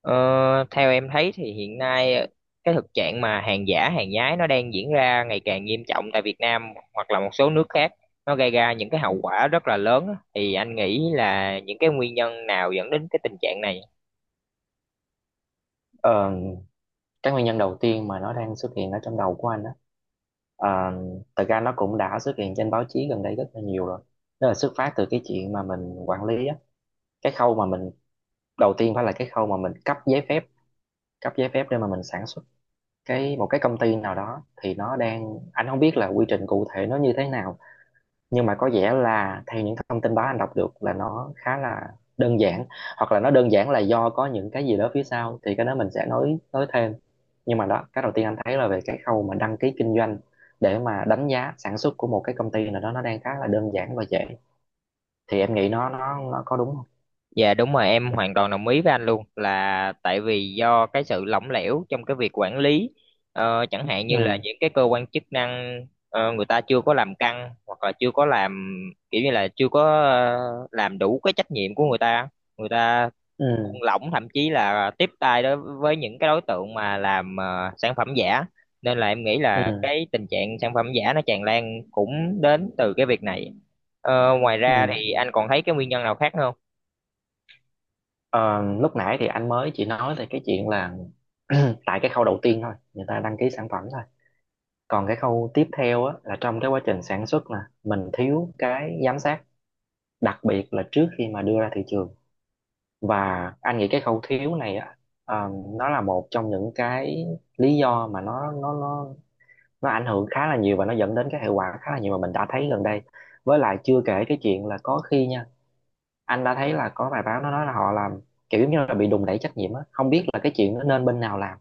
Ờ, theo em thấy thì hiện nay cái thực trạng mà hàng giả, hàng nhái nó đang diễn ra ngày càng nghiêm trọng tại Việt Nam hoặc là một số nước khác. Nó gây ra những cái hậu quả rất là lớn á. Thì anh nghĩ là những cái nguyên nhân nào dẫn đến cái tình trạng này? Ờ, cái nguyên nhân đầu tiên mà nó đang xuất hiện ở trong đầu của anh đó à, thật ra nó cũng đã xuất hiện trên báo chí gần đây rất là nhiều rồi, đó là xuất phát từ cái chuyện mà mình quản lý á. Cái khâu mà mình, đầu tiên phải là cái khâu mà mình cấp giấy phép, cấp giấy phép để mà mình sản xuất cái một cái công ty nào đó, thì nó đang, anh không biết là quy trình cụ thể nó như thế nào, nhưng mà có vẻ là theo những thông tin báo anh đọc được là nó khá là đơn giản, hoặc là nó đơn giản là do có những cái gì đó phía sau thì cái đó mình sẽ nói thêm. Nhưng mà đó, cái đầu tiên anh thấy là về cái khâu mà đăng ký kinh doanh để mà đánh giá sản xuất của một cái công ty nào đó, nó đang khá là đơn giản và dễ. Thì em nghĩ nó có đúng không? Dạ đúng rồi, em hoàn toàn đồng ý với anh luôn là tại vì do cái sự lỏng lẻo trong cái việc quản lý. Chẳng hạn như là Ừ, những cái cơ quan chức năng người ta chưa có làm căng hoặc là chưa có làm, kiểu như là chưa có ờ, làm đủ cái trách nhiệm của người ta, người ta ừ, buông lỏng, thậm chí là tiếp tay đối với những cái đối tượng mà làm sản phẩm giả, nên là em nghĩ ừ, là cái tình trạng sản phẩm giả nó tràn lan cũng đến từ cái việc này. Ngoài ra thì ừ. anh còn thấy cái nguyên nhân nào khác nữa không? Ờ, Lúc nãy thì anh mới chỉ nói về cái chuyện là tại cái khâu đầu tiên thôi, người ta đăng ký sản phẩm thôi. Còn cái khâu tiếp theo á, là trong cái quá trình sản xuất là mình thiếu cái giám sát, đặc biệt là trước khi mà đưa ra thị trường. Và anh nghĩ cái khẩu thiếu này á, ờ, nó là một trong những cái lý do mà nó ảnh hưởng khá là nhiều và nó dẫn đến cái hệ quả khá là nhiều mà mình đã thấy gần đây. Với lại chưa kể cái chuyện là có khi nha, anh đã thấy là có bài báo nó nói là họ làm kiểu giống như là bị đùn đẩy trách nhiệm á, không biết là cái chuyện nó nên bên nào làm.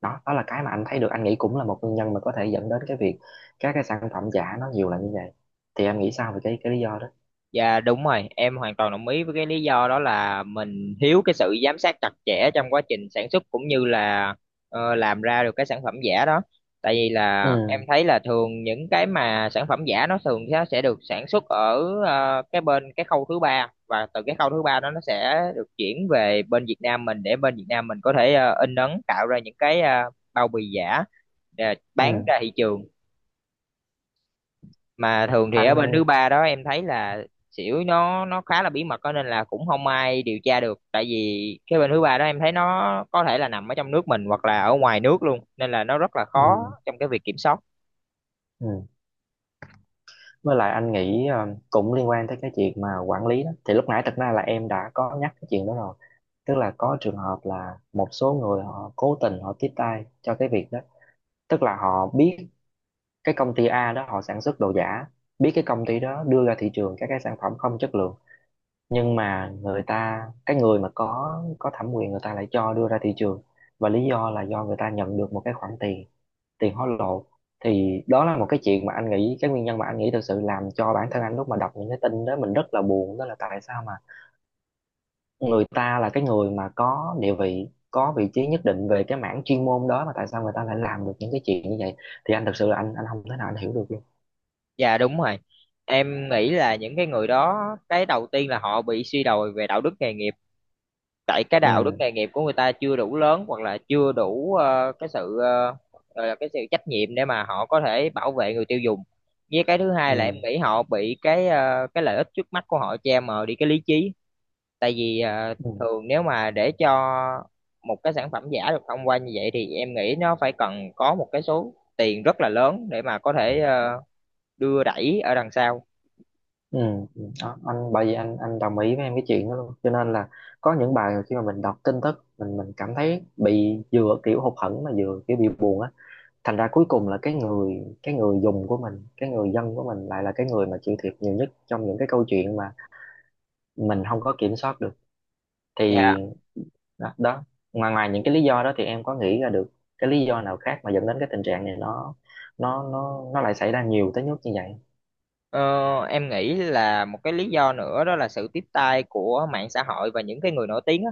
Đó, đó là cái mà anh thấy được, anh nghĩ cũng là một nguyên nhân mà có thể dẫn đến cái việc các cái sản phẩm giả nó nhiều là như vậy. Thì em nghĩ sao về cái lý do đó? Dạ đúng rồi, em hoàn toàn đồng ý với cái lý do đó là mình thiếu cái sự giám sát chặt chẽ trong quá trình sản xuất cũng như là làm ra được cái sản phẩm giả đó. Tại vì Ừ, là em thấy là thường những cái mà sản phẩm giả nó thường nó sẽ được sản xuất ở cái bên cái khâu thứ ba, và từ cái khâu thứ ba đó nó sẽ được chuyển về bên Việt Nam mình để bên Việt Nam mình có thể in ấn tạo ra những cái bao bì giả để bán ừ, ra thị trường. Mà thường thì ở bên thứ anh, ba đó em thấy là xỉu nó khá là bí mật đó, nên là cũng không ai điều tra được, tại vì cái bên thứ ba đó em thấy nó có thể là nằm ở trong nước mình hoặc là ở ngoài nước luôn, nên là nó rất là ừ, khó trong cái việc kiểm soát. ừ, với lại anh nghĩ cũng liên quan tới cái chuyện mà quản lý đó, thì lúc nãy thật ra là em đã có nhắc cái chuyện đó rồi. Tức là có trường hợp là một số người họ cố tình họ tiếp tay cho cái việc đó. Tức là họ biết cái công ty A đó họ sản xuất đồ giả, biết cái công ty đó đưa ra thị trường các cái sản phẩm không chất lượng, nhưng mà người ta, cái người mà có thẩm quyền, người ta lại cho đưa ra thị trường. Và lý do là do người ta nhận được một cái khoản tiền, tiền hối lộ. Thì đó là một cái chuyện mà anh nghĩ, cái nguyên nhân mà anh nghĩ thực sự làm cho bản thân anh lúc mà đọc những cái tin đó mình rất là buồn, đó là tại sao mà người ta là cái người mà có địa vị, có vị trí nhất định về cái mảng chuyên môn đó, mà tại sao người ta lại làm được những cái chuyện như vậy. Thì anh thực sự là anh không thể nào anh hiểu được luôn. Dạ đúng rồi, em nghĩ là những cái người đó, cái đầu tiên là họ bị suy đồi về đạo đức nghề nghiệp, tại cái Ừ, đạo đức nghề nghiệp của người ta chưa đủ lớn hoặc là chưa đủ cái sự gọi là cái sự trách nhiệm để mà họ có thể bảo vệ người tiêu dùng. Với cái thứ hai là em ừ, nghĩ họ bị cái cái lợi ích trước mắt của họ che mờ đi cái lý trí, tại vì ừ, thường nếu mà để cho một cái sản phẩm giả được thông qua như vậy thì em nghĩ nó phải cần có một cái số tiền rất là lớn để mà có thể đưa đẩy ở đằng sau. ừ, ừ. Đó, anh bởi vì anh đồng ý với em cái chuyện đó luôn, cho nên là có những bài khi mà mình đọc tin tức mình cảm thấy bị vừa kiểu hụt hẫng mà vừa kiểu bị buồn á, thành ra cuối cùng là cái người, cái người dùng của mình, cái người dân của mình lại là cái người mà chịu thiệt nhiều nhất trong những cái câu chuyện mà mình không có kiểm soát được. Thì và đó, đó. Ngoài ngoài những cái lý do đó thì em có nghĩ ra được cái lý do nào khác mà dẫn đến cái tình trạng này nó nó lại xảy ra nhiều tới mức như vậy. Ờ, em nghĩ là một cái lý do nữa đó là sự tiếp tay của mạng xã hội và những cái người nổi tiếng á.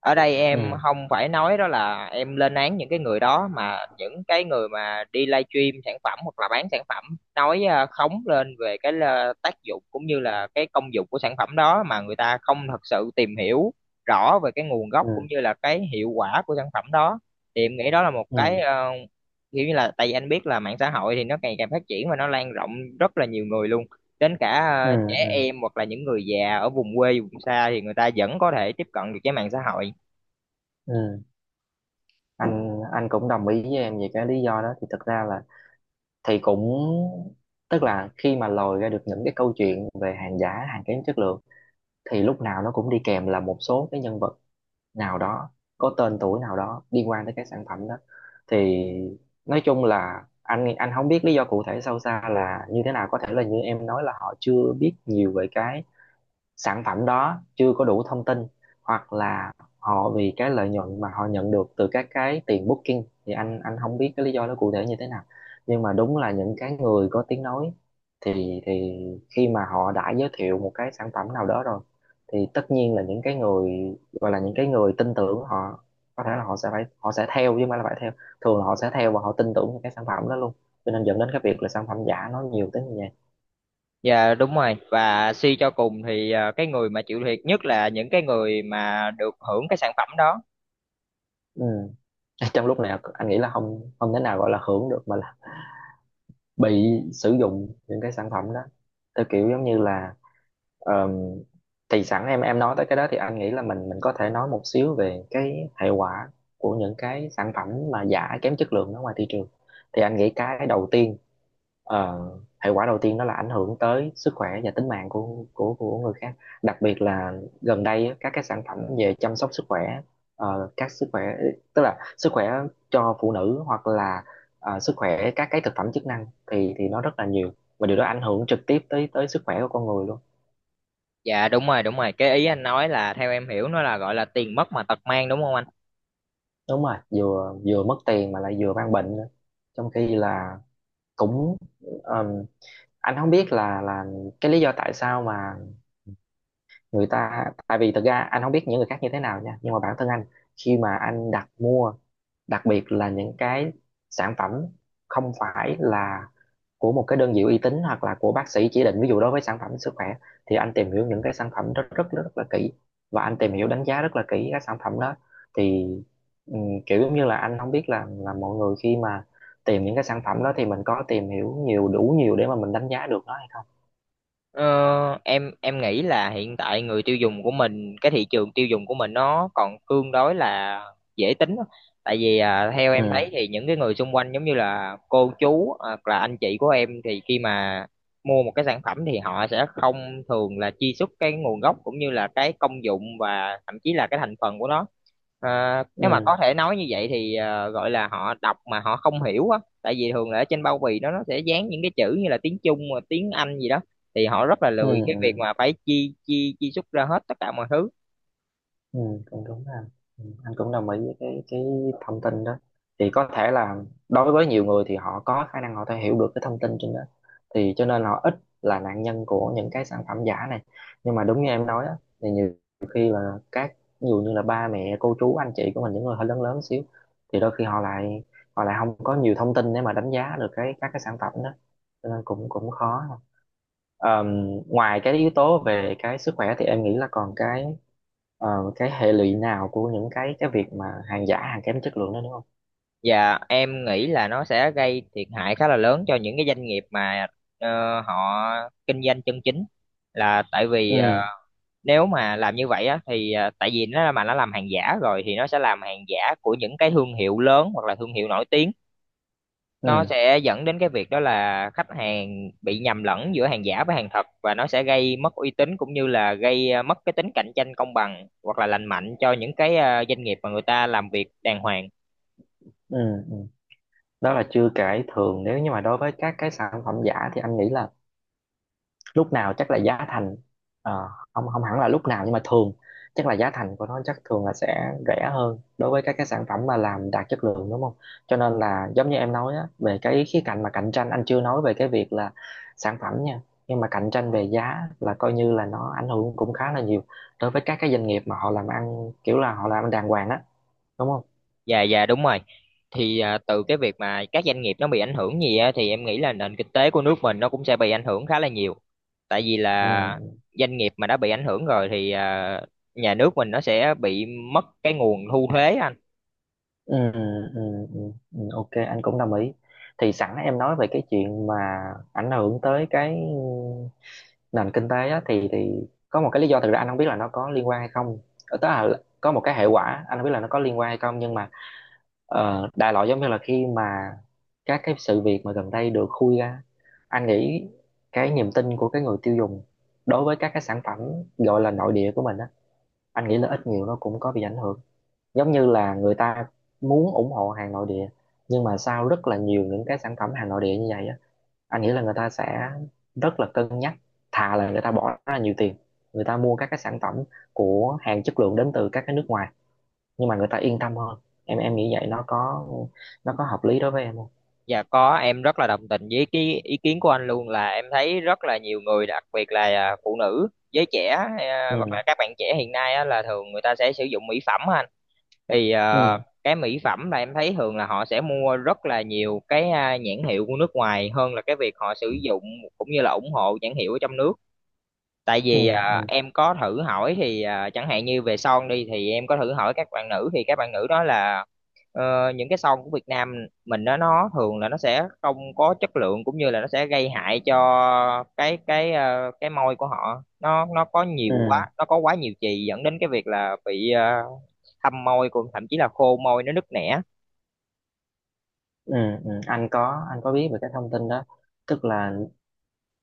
Ở đây em Ừ, không phải nói đó là em lên án những cái người đó, mà những cái người mà đi livestream sản phẩm hoặc là bán sản phẩm nói khống lên về cái tác dụng cũng như là cái công dụng của sản phẩm đó, mà người ta không thật sự tìm hiểu rõ về cái nguồn gốc cũng ừ, như là cái hiệu quả của sản phẩm đó. Thì em nghĩ đó là một ừ, cái kiểu như là, tại vì anh biết là mạng xã hội thì nó ngày càng phát triển và nó lan rộng rất là nhiều người luôn, đến cả ừ, trẻ ừ, em hoặc là những người già ở vùng quê vùng xa thì người ta vẫn có thể tiếp cận được với mạng xã hội. ừ, anh cũng đồng ý với em về cái lý do đó, thì thực ra là thì cũng, tức là khi mà lòi ra được những cái câu chuyện về hàng giả, hàng kém chất lượng, thì lúc nào nó cũng đi kèm là một số cái nhân vật nào đó, có tên tuổi nào đó liên quan tới cái sản phẩm đó. Thì nói chung là anh không biết lý do cụ thể sâu xa là như thế nào, có thể là như em nói là họ chưa biết nhiều về cái sản phẩm đó, chưa có đủ thông tin, hoặc là họ vì cái lợi nhuận mà họ nhận được từ các cái tiền booking. Thì anh không biết cái lý do nó cụ thể như thế nào, nhưng mà đúng là những cái người có tiếng nói thì khi mà họ đã giới thiệu một cái sản phẩm nào đó rồi, thì tất nhiên là những cái người, gọi là những cái người tin tưởng họ, có thể là họ sẽ phải, họ sẽ theo, chứ không phải là phải theo, thường là họ sẽ theo và họ tin tưởng vào cái sản phẩm đó luôn. Cho nên dẫn đến cái việc là sản phẩm giả nó nhiều tới như vậy. Dạ đúng rồi, và suy cho cùng thì cái người mà chịu thiệt nhất là những cái người mà được hưởng cái sản phẩm đó. Ừ. Trong lúc này anh nghĩ là không không thể nào gọi là hưởng được, mà là bị sử dụng những cái sản phẩm đó theo kiểu giống như là, ờm, thì sẵn em nói tới cái đó, thì anh nghĩ là mình có thể nói một xíu về cái hệ quả của những cái sản phẩm mà giả kém chất lượng ở ngoài thị trường. Thì anh nghĩ cái đầu tiên, Ờ, hệ quả đầu tiên đó là ảnh hưởng tới sức khỏe và tính mạng của người khác. Đặc biệt là gần đây á, các cái sản phẩm về chăm sóc sức khỏe, các sức khỏe, tức là sức khỏe cho phụ nữ hoặc là sức khỏe các cái thực phẩm chức năng, thì nó rất là nhiều. Và điều đó ảnh hưởng trực tiếp tới tới sức khỏe của con người luôn. Dạ đúng rồi, đúng rồi, cái ý anh nói là theo em hiểu nó là gọi là tiền mất mà tật mang, đúng không anh? Đúng rồi, vừa vừa mất tiền mà lại vừa mang bệnh nữa. Trong khi là cũng, ờm, anh không biết là cái lý do tại sao mà người ta, tại vì thực ra anh không biết những người khác như thế nào nha, nhưng mà bản thân anh khi mà anh đặt mua, đặc biệt là những cái sản phẩm không phải là của một cái đơn vị uy tín hoặc là của bác sĩ chỉ định, ví dụ đối với sản phẩm sức khỏe, thì anh tìm hiểu những cái sản phẩm rất rất rất, rất là kỹ. Và anh tìm hiểu đánh giá rất là kỹ các sản phẩm đó. Thì ừm, kiểu giống như là anh không biết là mọi người khi mà tìm những cái sản phẩm đó, thì mình có tìm hiểu nhiều đủ nhiều để mà mình đánh giá được nó hay không. Em nghĩ là hiện tại người tiêu dùng của mình, cái thị trường tiêu dùng của mình nó còn tương đối là dễ tính á. Tại vì à, theo Ừ, em thấy thì những cái người xung quanh giống như là cô chú hoặc là anh chị của em thì khi mà mua một cái sản phẩm thì họ sẽ không thường là truy xuất cái nguồn gốc cũng như là cái công dụng và thậm chí là cái thành phần của nó. À, nếu mà ừ, có thể nói như vậy thì à, gọi là họ đọc mà họ không hiểu á, tại vì thường là ở trên bao bì nó sẽ dán những cái chữ như là tiếng Trung, tiếng Anh gì đó, thì họ rất là ừ, lười cái việc ừ. mà phải chi chi chi xuất ra hết tất cả mọi thứ. Ừ, cũng đúng ha. Ừ, anh cũng đồng ý với cái thông tin đó. Thì có thể là đối với nhiều người thì họ có khả năng họ thể hiểu được cái thông tin trên đó, thì cho nên họ ít là nạn nhân của những cái sản phẩm giả này. Nhưng mà đúng như em nói á, thì nhiều khi là các, ví dụ như là ba mẹ cô chú anh chị của mình, những người hơi lớn lớn xíu, thì đôi khi họ lại, họ lại không có nhiều thông tin để mà đánh giá được cái các cái sản phẩm đó. Cho nên cũng cũng khó. Ờm, Ngoài cái yếu tố về cái sức khỏe thì em nghĩ là còn cái, ờ, cái hệ lụy nào của những cái việc mà hàng giả hàng kém chất lượng đó đúng không? Và em nghĩ là nó sẽ gây thiệt hại khá là lớn cho những cái doanh nghiệp mà họ kinh doanh chân chính, là tại vì Ừ, nếu mà làm như vậy á thì tại vì nó mà nó làm hàng giả rồi thì nó sẽ làm hàng giả của những cái thương hiệu lớn hoặc là thương hiệu nổi tiếng, nó ừ, sẽ dẫn đến cái việc đó là khách hàng bị nhầm lẫn giữa hàng giả với hàng thật, và nó sẽ gây mất uy tín cũng như là gây mất cái tính cạnh tranh công bằng hoặc là lành mạnh cho những cái doanh nghiệp mà người ta làm việc đàng hoàng. ừ, ừ. Đó là chưa kể thường nếu như mà đối với các cái sản phẩm giả thì anh nghĩ là lúc nào chắc là giá thành, ờ, không không hẳn là lúc nào nhưng mà thường chắc là giá thành của nó chắc thường là sẽ rẻ hơn đối với các cái sản phẩm mà làm đạt chất lượng đúng không? Cho nên là giống như em nói á, về cái khía cạnh mà cạnh tranh, anh chưa nói về cái việc là sản phẩm nha, nhưng mà cạnh tranh về giá là coi như là nó ảnh hưởng cũng khá là nhiều đối với các cái doanh nghiệp mà họ làm ăn, kiểu là họ làm ăn đàng hoàng á, đúng không? Dạ dạ đúng rồi, thì từ cái việc mà các doanh nghiệp nó bị ảnh hưởng gì á, thì em nghĩ là nền kinh tế của nước mình nó cũng sẽ bị ảnh hưởng khá là nhiều, tại vì là Ừ, doanh nghiệp mà đã bị ảnh hưởng rồi thì nhà nước mình nó sẽ bị mất cái nguồn thu thuế anh. ừ, ừ, ừ, ừ, ừ, ok, anh cũng đồng ý. Thì sẵn em nói về cái chuyện mà ảnh hưởng tới cái nền kinh tế á, thì có một cái lý do, thực ra anh không biết là nó có liên quan hay không. Tức là có một cái hệ quả anh không biết là nó có liên quan hay không, nhưng mà đại loại giống như là khi mà các cái sự việc mà gần đây được khui ra, anh nghĩ cái niềm tin của cái người tiêu dùng đối với các cái sản phẩm gọi là nội địa của mình á, anh nghĩ là ít nhiều nó cũng có bị ảnh hưởng. Giống như là người ta muốn ủng hộ hàng nội địa, nhưng mà sau rất là nhiều những cái sản phẩm hàng nội địa như vậy á, anh nghĩ là người ta sẽ rất là cân nhắc, thà là người ta bỏ ra nhiều tiền, người ta mua các cái sản phẩm của hàng chất lượng đến từ các cái nước ngoài nhưng mà người ta yên tâm hơn. Em nghĩ vậy nó có hợp lý đối với em không? Dạ có, em rất là đồng tình với cái ý kiến của anh luôn, là em thấy rất là nhiều người đặc biệt là à, phụ nữ, giới trẻ, à, hoặc Ừ, là các bạn trẻ hiện nay á, là thường người ta sẽ sử dụng mỹ phẩm á anh. Thì à, ừ, cái mỹ phẩm là em thấy thường là họ sẽ mua rất là nhiều cái à, nhãn hiệu của nước ngoài hơn là cái việc họ sử dụng cũng như là ủng hộ nhãn hiệu ở trong nước. Tại ừ, vì à, ừ, em có thử hỏi thì à, chẳng hạn như về son đi thì em có thử hỏi các bạn nữ thì các bạn nữ đó là những cái son của Việt Nam mình đó nó thường là nó sẽ không có chất lượng cũng như là nó sẽ gây hại cho cái cái môi của họ, nó có nhiều ừ, quá, nó có quá nhiều chì dẫn đến cái việc là bị thâm môi cũng thậm chí là khô môi, nó nứt nẻ. ừ, ừ. Anh có biết về cái thông tin đó. Tức là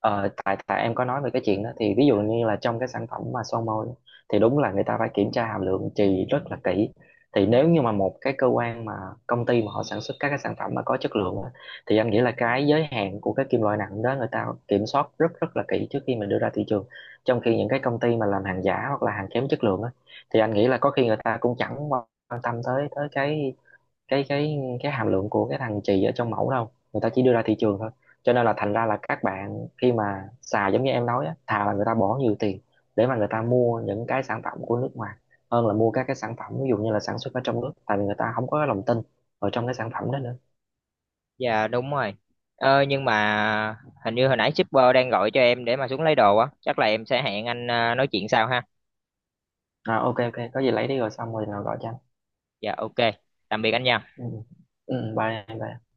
tại tại em có nói về cái chuyện đó, thì ví dụ như là trong cái sản phẩm mà son môi thì đúng là người ta phải kiểm tra hàm lượng chì rất là kỹ. Thì nếu như mà một cái cơ quan mà công ty mà họ sản xuất các cái sản phẩm mà có chất lượng á, thì anh nghĩ là cái giới hạn của cái kim loại nặng đó người ta kiểm soát rất rất là kỹ trước khi mà đưa ra thị trường. Trong khi những cái công ty mà làm hàng giả hoặc là hàng kém chất lượng á, thì anh nghĩ là có khi người ta cũng chẳng quan tâm tới tới cái cái hàm lượng của cái thằng chì ở trong mẫu đâu, người ta chỉ đưa ra thị trường thôi. Cho nên là thành ra là các bạn khi mà xài, giống như em nói á, thà là người ta bỏ nhiều tiền để mà người ta mua những cái sản phẩm của nước ngoài hơn là mua các cái sản phẩm ví dụ như là sản xuất ở trong nước, tại vì người ta không có lòng tin ở trong cái sản phẩm đó nữa. Dạ đúng rồi. Nhưng mà hình như hồi nãy shipper đang gọi cho em để mà xuống lấy đồ á, chắc là em sẽ hẹn anh nói chuyện sau ha. À, ok, ok, có gì lấy đi rồi xong rồi nào gọi cho anh. Dạ ok. Tạm biệt anh nha. Ừ. Ừ, bye em bye.